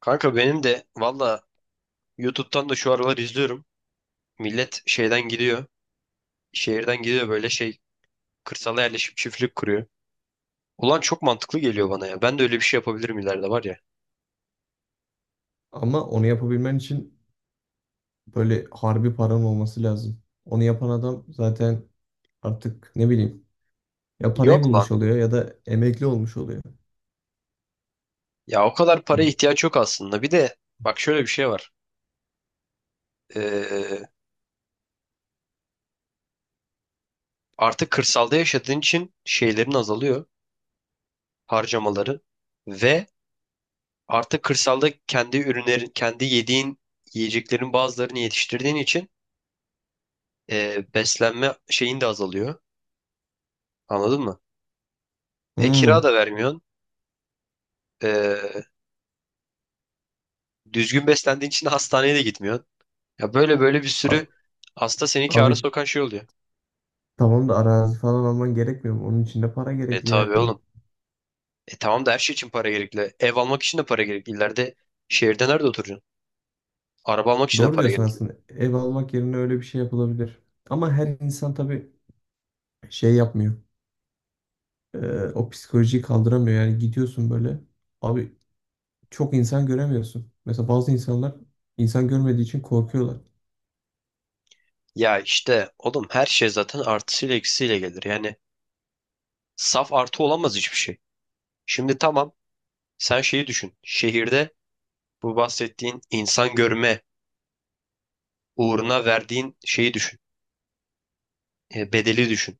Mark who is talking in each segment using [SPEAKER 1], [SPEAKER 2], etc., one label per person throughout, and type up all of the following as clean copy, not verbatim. [SPEAKER 1] Kanka benim de valla YouTube'dan da şu aralar izliyorum. Millet şeyden gidiyor. Şehirden gidiyor böyle şey kırsala yerleşip çiftlik kuruyor. Ulan çok mantıklı geliyor bana ya. Ben de öyle bir şey yapabilirim ileride var ya.
[SPEAKER 2] Ama onu yapabilmen için böyle harbi paran olması lazım. Onu yapan adam zaten artık ne bileyim ya parayı
[SPEAKER 1] Yok lan.
[SPEAKER 2] bulmuş oluyor ya da emekli olmuş oluyor.
[SPEAKER 1] Ya o kadar paraya ihtiyaç yok aslında. Bir de bak şöyle bir şey var. Ee, artık kırsalda yaşadığın için şeylerin azalıyor. Harcamaları. Ve artık kırsalda kendi ürünlerin, kendi yediğin yiyeceklerin bazılarını yetiştirdiğin için beslenme şeyin de azalıyor. Anladın mı? E, kira
[SPEAKER 2] Hmm.
[SPEAKER 1] da vermiyorsun. E, düzgün beslendiğin için de hastaneye de gitmiyorsun. Ya böyle böyle bir sürü
[SPEAKER 2] Abi,
[SPEAKER 1] hasta seni
[SPEAKER 2] abi
[SPEAKER 1] kâra sokan şey oluyor.
[SPEAKER 2] tamam da arazi falan alman gerekmiyor mu? Onun için de para
[SPEAKER 1] E,
[SPEAKER 2] gerekli
[SPEAKER 1] tabii
[SPEAKER 2] yani.
[SPEAKER 1] oğlum. E, tamam da her şey için para gerekli. Ev almak için de para gerekli. İleride şehirde nerede oturacaksın? Araba almak için de
[SPEAKER 2] Doğru
[SPEAKER 1] para
[SPEAKER 2] diyorsun
[SPEAKER 1] gerekli.
[SPEAKER 2] aslında. Ev almak yerine öyle bir şey yapılabilir. Ama her insan tabii şey yapmıyor. Ee, o psikolojiyi kaldıramıyor. Yani gidiyorsun böyle. Abi çok insan göremiyorsun. Mesela bazı insanlar insan görmediği için korkuyorlar.
[SPEAKER 1] Ya işte oğlum her şey zaten artısıyla eksisiyle gelir. Yani saf artı olamaz hiçbir şey. Şimdi tamam, sen şeyi düşün. Şehirde bu bahsettiğin insan görme uğruna verdiğin şeyi düşün. E, bedeli düşün.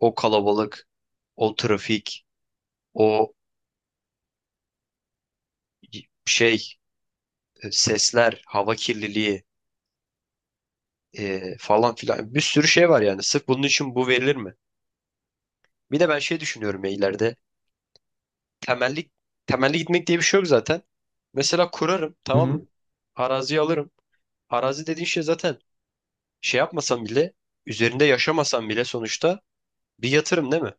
[SPEAKER 1] O kalabalık, o trafik, o şey, sesler, hava kirliliği, falan filan bir sürü şey var yani. Sırf bunun için bu verilir mi? Bir de ben şey düşünüyorum ya ileride. Temelli, temelli gitmek diye bir şey yok zaten. Mesela kurarım,
[SPEAKER 2] Hı
[SPEAKER 1] tamam mı?
[SPEAKER 2] hı.
[SPEAKER 1] Araziyi alırım. Arazi dediğin şey zaten şey yapmasam bile, üzerinde yaşamasam bile sonuçta bir yatırım değil mi?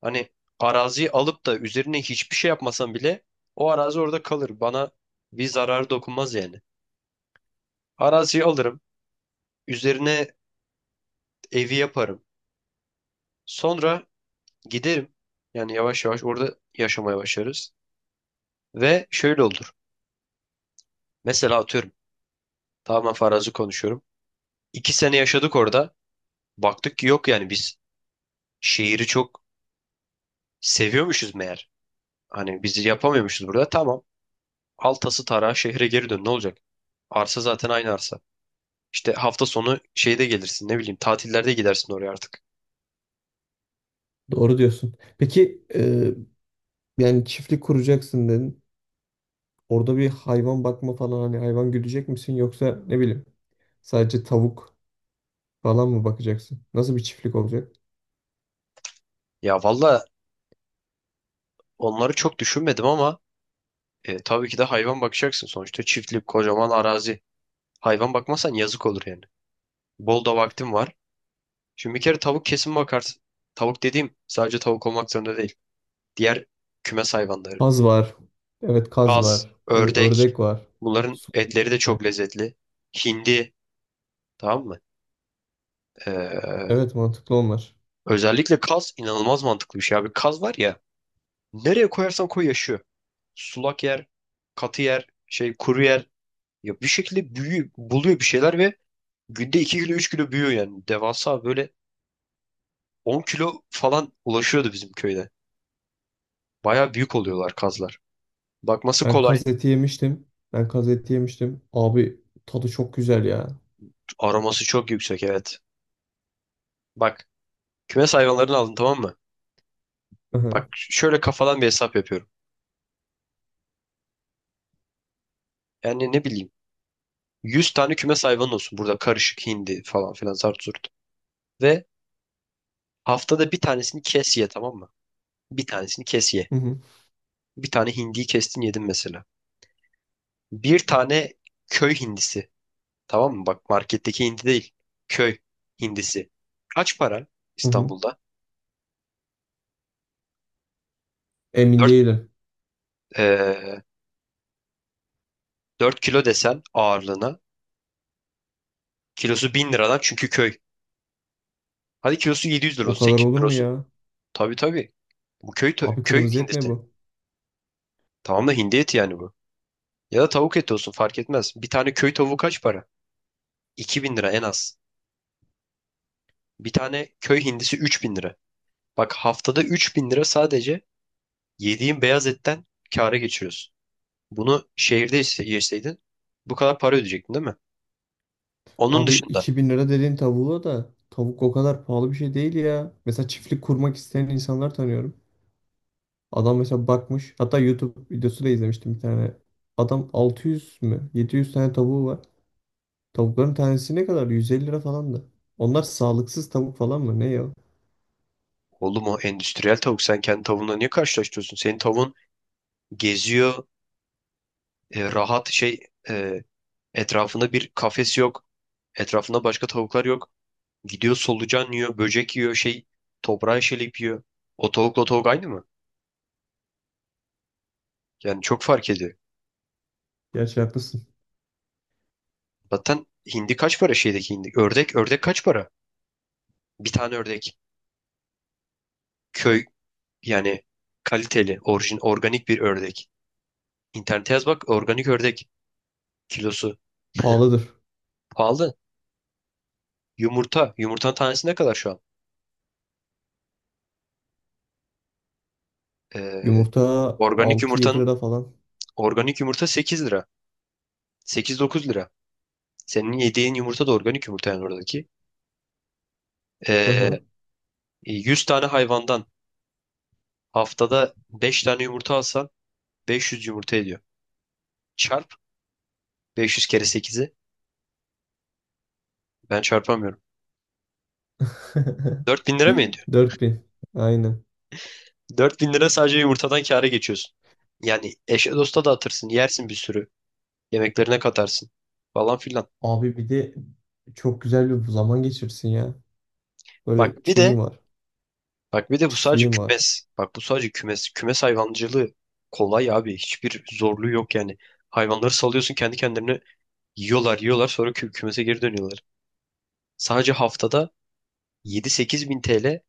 [SPEAKER 1] Hani araziyi alıp da üzerine hiçbir şey yapmasam bile o arazi orada kalır. Bana bir zararı dokunmaz yani. Araziyi alırım. Üzerine evi yaparım. Sonra giderim. Yani yavaş yavaş orada yaşamaya başlarız. Ve şöyle olur. Mesela atıyorum. Tamamen farazi konuşuyorum. 2 sene yaşadık orada. Baktık ki yok, yani biz şehri çok seviyormuşuz meğer. Hani bizi yapamıyormuşuz burada. Tamam. Al tası tarağı şehre geri dön. Ne olacak? Arsa zaten aynı arsa. İşte hafta sonu şeyde gelirsin, ne bileyim tatillerde gidersin oraya artık.
[SPEAKER 2] Doğru diyorsun. Peki yani çiftlik kuracaksın dedin. Orada bir hayvan bakma falan hani hayvan güdecek misin yoksa ne bileyim sadece tavuk falan mı bakacaksın? Nasıl bir çiftlik olacak?
[SPEAKER 1] Ya valla onları çok düşünmedim ama tabii ki de hayvan bakacaksın, sonuçta çiftlik kocaman arazi. Hayvan bakmazsan yazık olur yani. Bol da vaktin var. Şimdi bir kere tavuk kesin bakarsın. Tavuk dediğim sadece tavuk olmak zorunda değil. Diğer kümes hayvanları.
[SPEAKER 2] Kaz var. Evet kaz
[SPEAKER 1] Kaz,
[SPEAKER 2] var. Ne bileyim
[SPEAKER 1] ördek.
[SPEAKER 2] ördek var.
[SPEAKER 1] Bunların
[SPEAKER 2] Su bir
[SPEAKER 1] etleri de
[SPEAKER 2] yerde.
[SPEAKER 1] çok lezzetli. Hindi. Tamam mı? Ee,
[SPEAKER 2] Evet mantıklı onlar.
[SPEAKER 1] özellikle kaz inanılmaz mantıklı bir şey abi. Kaz var ya, nereye koyarsan koy yaşıyor. Sulak yer, katı yer, şey, kuru yer. Ya bir şekilde büyüyor, buluyor bir şeyler ve günde 2 kilo 3 kilo büyüyor yani. Devasa, böyle 10 kilo falan ulaşıyordu bizim köyde. Baya büyük oluyorlar kazlar. Bakması
[SPEAKER 2] Ben
[SPEAKER 1] kolay.
[SPEAKER 2] kaz eti yemiştim. Ben kaz eti yemiştim. Abi tadı çok güzel ya.
[SPEAKER 1] Aroması çok yüksek, evet. Bak, kümes hayvanlarını aldın, tamam mı?
[SPEAKER 2] Hı hı,
[SPEAKER 1] Bak, şöyle kafadan bir hesap yapıyorum. Yani ne bileyim 100 tane kümes hayvanın olsun. Burada karışık hindi falan filan zart zurt. Ve haftada bir tanesini kes ye, tamam mı? Bir tanesini kes ye.
[SPEAKER 2] hı hı,
[SPEAKER 1] Bir tane hindiyi kestin yedin mesela. Bir tane köy hindisi. Tamam mı? Bak, marketteki hindi değil. Köy hindisi. Kaç para
[SPEAKER 2] hı hı.
[SPEAKER 1] İstanbul'da?
[SPEAKER 2] Emin
[SPEAKER 1] dört
[SPEAKER 2] değilim.
[SPEAKER 1] Dört kilo desen ağırlığına. Kilosu 1.000 liradan, çünkü köy. Hadi kilosu 700 lira
[SPEAKER 2] O
[SPEAKER 1] olsun,
[SPEAKER 2] kadar
[SPEAKER 1] 800
[SPEAKER 2] olur
[SPEAKER 1] lira
[SPEAKER 2] mu
[SPEAKER 1] olsun.
[SPEAKER 2] ya?
[SPEAKER 1] Tabii, tabii. Bu köy
[SPEAKER 2] Abi
[SPEAKER 1] köy
[SPEAKER 2] kırmızı et mi
[SPEAKER 1] hindisi.
[SPEAKER 2] bu?
[SPEAKER 1] Tamam da hindi eti yani bu. Ya da tavuk eti olsun fark etmez. Bir tane köy tavuğu kaç para? 2.000 lira en az. Bir tane köy hindisi 3.000 lira. Bak, haftada 3.000 lira sadece yediğin beyaz etten kâra geçiriyorsun. Bunu şehirde yeseydin bu kadar para ödeyecektin değil mi? Onun
[SPEAKER 2] Abi
[SPEAKER 1] dışında
[SPEAKER 2] 2.000 lira dediğin tavuğa da tavuk o kadar pahalı bir şey değil ya. Mesela çiftlik kurmak isteyen insanlar tanıyorum. Adam mesela bakmış. Hatta YouTube videosu da izlemiştim bir tane. Adam 600 mü? 700 tane tavuğu var. Tavukların tanesi ne kadar? 150 lira falan da. Onlar sağlıksız tavuk falan mı? Ne ya?
[SPEAKER 1] oğlum o endüstriyel tavuk, sen kendi tavuğunla niye karşılaştırıyorsun? Senin tavuğun geziyor, rahat, şey, e, etrafında bir kafes yok. Etrafında başka tavuklar yok. Gidiyor solucan yiyor, böcek yiyor, şey, toprağa şelip yiyor. O tavukla o tavuk aynı mı? Yani çok fark ediyor.
[SPEAKER 2] Gerçi haklısın.
[SPEAKER 1] Zaten hindi kaç para şeydeki hindi? Ördek, ördek kaç para? Bir tane ördek. Köy, yani kaliteli, orijin, organik bir ördek. İnternete yaz bak, organik ördek kilosu.
[SPEAKER 2] Pahalıdır.
[SPEAKER 1] Pahalı. Yumurta. Yumurtanın tanesi ne kadar şu an? Ee,
[SPEAKER 2] Yumurta
[SPEAKER 1] organik
[SPEAKER 2] altı 7
[SPEAKER 1] yumurtanın,
[SPEAKER 2] lira falan.
[SPEAKER 1] organik yumurta 8 lira. 8-9 lira. Senin yediğin yumurta da organik yumurta yani oradaki.
[SPEAKER 2] Hı hı.
[SPEAKER 1] Ee, 100 tane hayvandan haftada 5 tane yumurta alsan 500 yumurta ediyor. Çarp 500 kere sekizi. Ben çarpamıyorum. 4.000 lira mı ediyor?
[SPEAKER 2] 4.000. Aynen.
[SPEAKER 1] 4.000 lira sadece yumurtadan kâra geçiyorsun. Yani eşe dosta dağıtırsın, yersin bir sürü. Yemeklerine katarsın falan filan.
[SPEAKER 2] Abi bir de çok güzel bir zaman geçirsin ya. Böyle
[SPEAKER 1] Bak bir
[SPEAKER 2] şeyin
[SPEAKER 1] de
[SPEAKER 2] var.
[SPEAKER 1] Bak, bir de bu sadece
[SPEAKER 2] Çiftliğin var.
[SPEAKER 1] kümes. Bak, bu sadece kümes. Kümes hayvancılığı kolay abi. Hiçbir zorluğu yok yani. Hayvanları salıyorsun kendi kendilerine, yiyorlar yiyorlar sonra kümese geri dönüyorlar. Sadece haftada 7-8 bin TL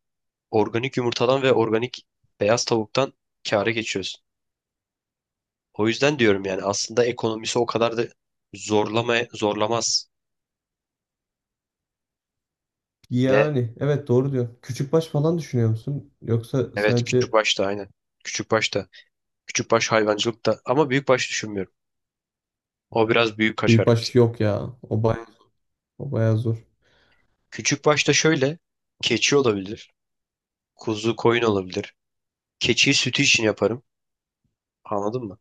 [SPEAKER 1] organik yumurtadan ve organik beyaz tavuktan kâra geçiyorsun. O yüzden diyorum yani aslında ekonomisi o kadar da zorlama zorlamaz. Ve
[SPEAKER 2] Yani evet doğru diyor. Küçükbaş falan düşünüyor musun? Yoksa
[SPEAKER 1] evet, küçük
[SPEAKER 2] sadece
[SPEAKER 1] başta aynen. Küçük başta. Küçük baş hayvancılıkta, ama büyük baş düşünmüyorum. O biraz büyük kaçar.
[SPEAKER 2] büyükbaş yok ya. O bayağı, o bayağı zor.
[SPEAKER 1] Küçük başta şöyle. Keçi olabilir. Kuzu, koyun olabilir. Keçiyi sütü için yaparım. Anladın mı?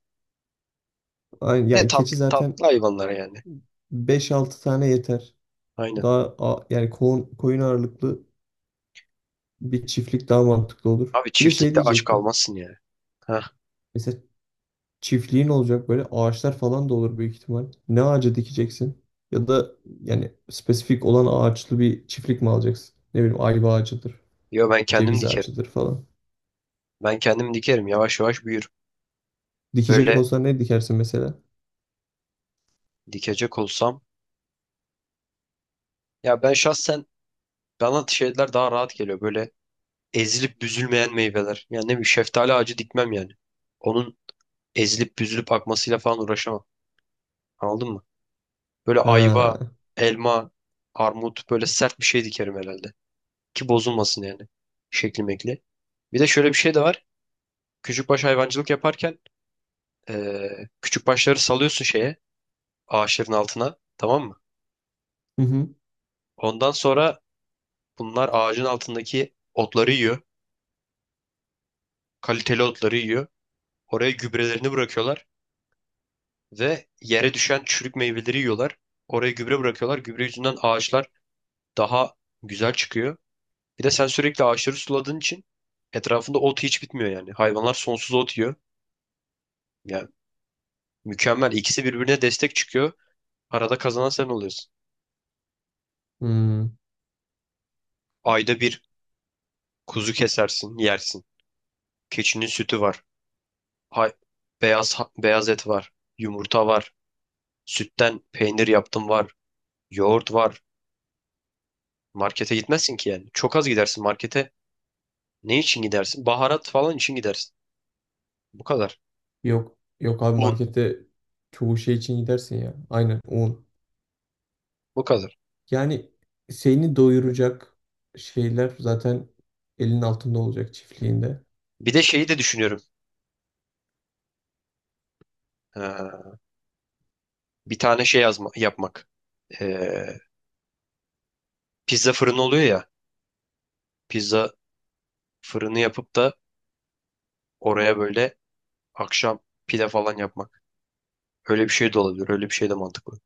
[SPEAKER 2] Aynen,
[SPEAKER 1] Ne
[SPEAKER 2] yani keçi
[SPEAKER 1] tatlı
[SPEAKER 2] zaten
[SPEAKER 1] tatlı hayvanlara yani.
[SPEAKER 2] beş altı tane yeter.
[SPEAKER 1] Aynen.
[SPEAKER 2] Yani koyun, koyun ağırlıklı bir çiftlik daha mantıklı olur.
[SPEAKER 1] Abi
[SPEAKER 2] Bir de şey
[SPEAKER 1] çiftlikte aç
[SPEAKER 2] diyecektim.
[SPEAKER 1] kalmazsın yani. Heh.
[SPEAKER 2] Mesela çiftliğin olacak böyle ağaçlar falan da olur büyük ihtimal. Ne ağacı dikeceksin? Ya da yani spesifik olan ağaçlı bir çiftlik mi alacaksın? Ne bileyim ayva ağacıdır,
[SPEAKER 1] Yo, ben kendim
[SPEAKER 2] ceviz
[SPEAKER 1] dikerim.
[SPEAKER 2] ağacıdır falan.
[SPEAKER 1] Ben kendim dikerim. Yavaş yavaş büyür.
[SPEAKER 2] Dikecek
[SPEAKER 1] Böyle
[SPEAKER 2] olsan ne dikersin mesela?
[SPEAKER 1] dikecek olsam. Ya ben şahsen, bana şeyler daha rahat geliyor. Böyle ezilip büzülmeyen meyveler. Yani ne bileyim şeftali ağacı dikmem yani. Onun ezilip büzülüp akmasıyla falan uğraşamam. Anladın mı? Böyle ayva,
[SPEAKER 2] Ha.
[SPEAKER 1] elma, armut, böyle sert bir şey dikerim herhalde. Ki bozulmasın yani. Şekli mekli. Bir de şöyle bir şey de var. Küçükbaş hayvancılık yaparken küçükbaşları salıyorsun şeye, ağaçların altına, tamam mı?
[SPEAKER 2] Hı hı.
[SPEAKER 1] Ondan sonra bunlar ağacın altındaki otları yiyor, kaliteli otları yiyor. Oraya gübrelerini bırakıyorlar ve yere düşen çürük meyveleri yiyorlar. Oraya gübre bırakıyorlar. Gübre yüzünden ağaçlar daha güzel çıkıyor. Bir de sen sürekli ağaçları suladığın için etrafında ot hiç bitmiyor yani. Hayvanlar sonsuz ot yiyor. Yani mükemmel. İkisi birbirine destek çıkıyor. Arada kazanan sen oluyorsun.
[SPEAKER 2] Hmm.
[SPEAKER 1] Ayda bir kuzu kesersin, yersin. Keçinin sütü var. Hay, beyaz beyaz et var. Yumurta var. Sütten peynir yaptım var. Yoğurt var. Markete gitmezsin ki yani. Çok az gidersin markete. Ne için gidersin? Baharat falan için gidersin. Bu kadar.
[SPEAKER 2] Yok. Yok abi
[SPEAKER 1] Un.
[SPEAKER 2] markette çoğu şey için gidersin ya. Aynen un.
[SPEAKER 1] Bu kadar.
[SPEAKER 2] Yani seni doyuracak şeyler zaten elin altında olacak çiftliğinde.
[SPEAKER 1] Bir de şeyi de düşünüyorum. Ha, bir tane şey yazma, yapmak. Ee, pizza fırını oluyor ya. Pizza fırını yapıp da oraya böyle akşam pide falan yapmak. Öyle bir şey de olabilir. Öyle bir şey de mantıklı.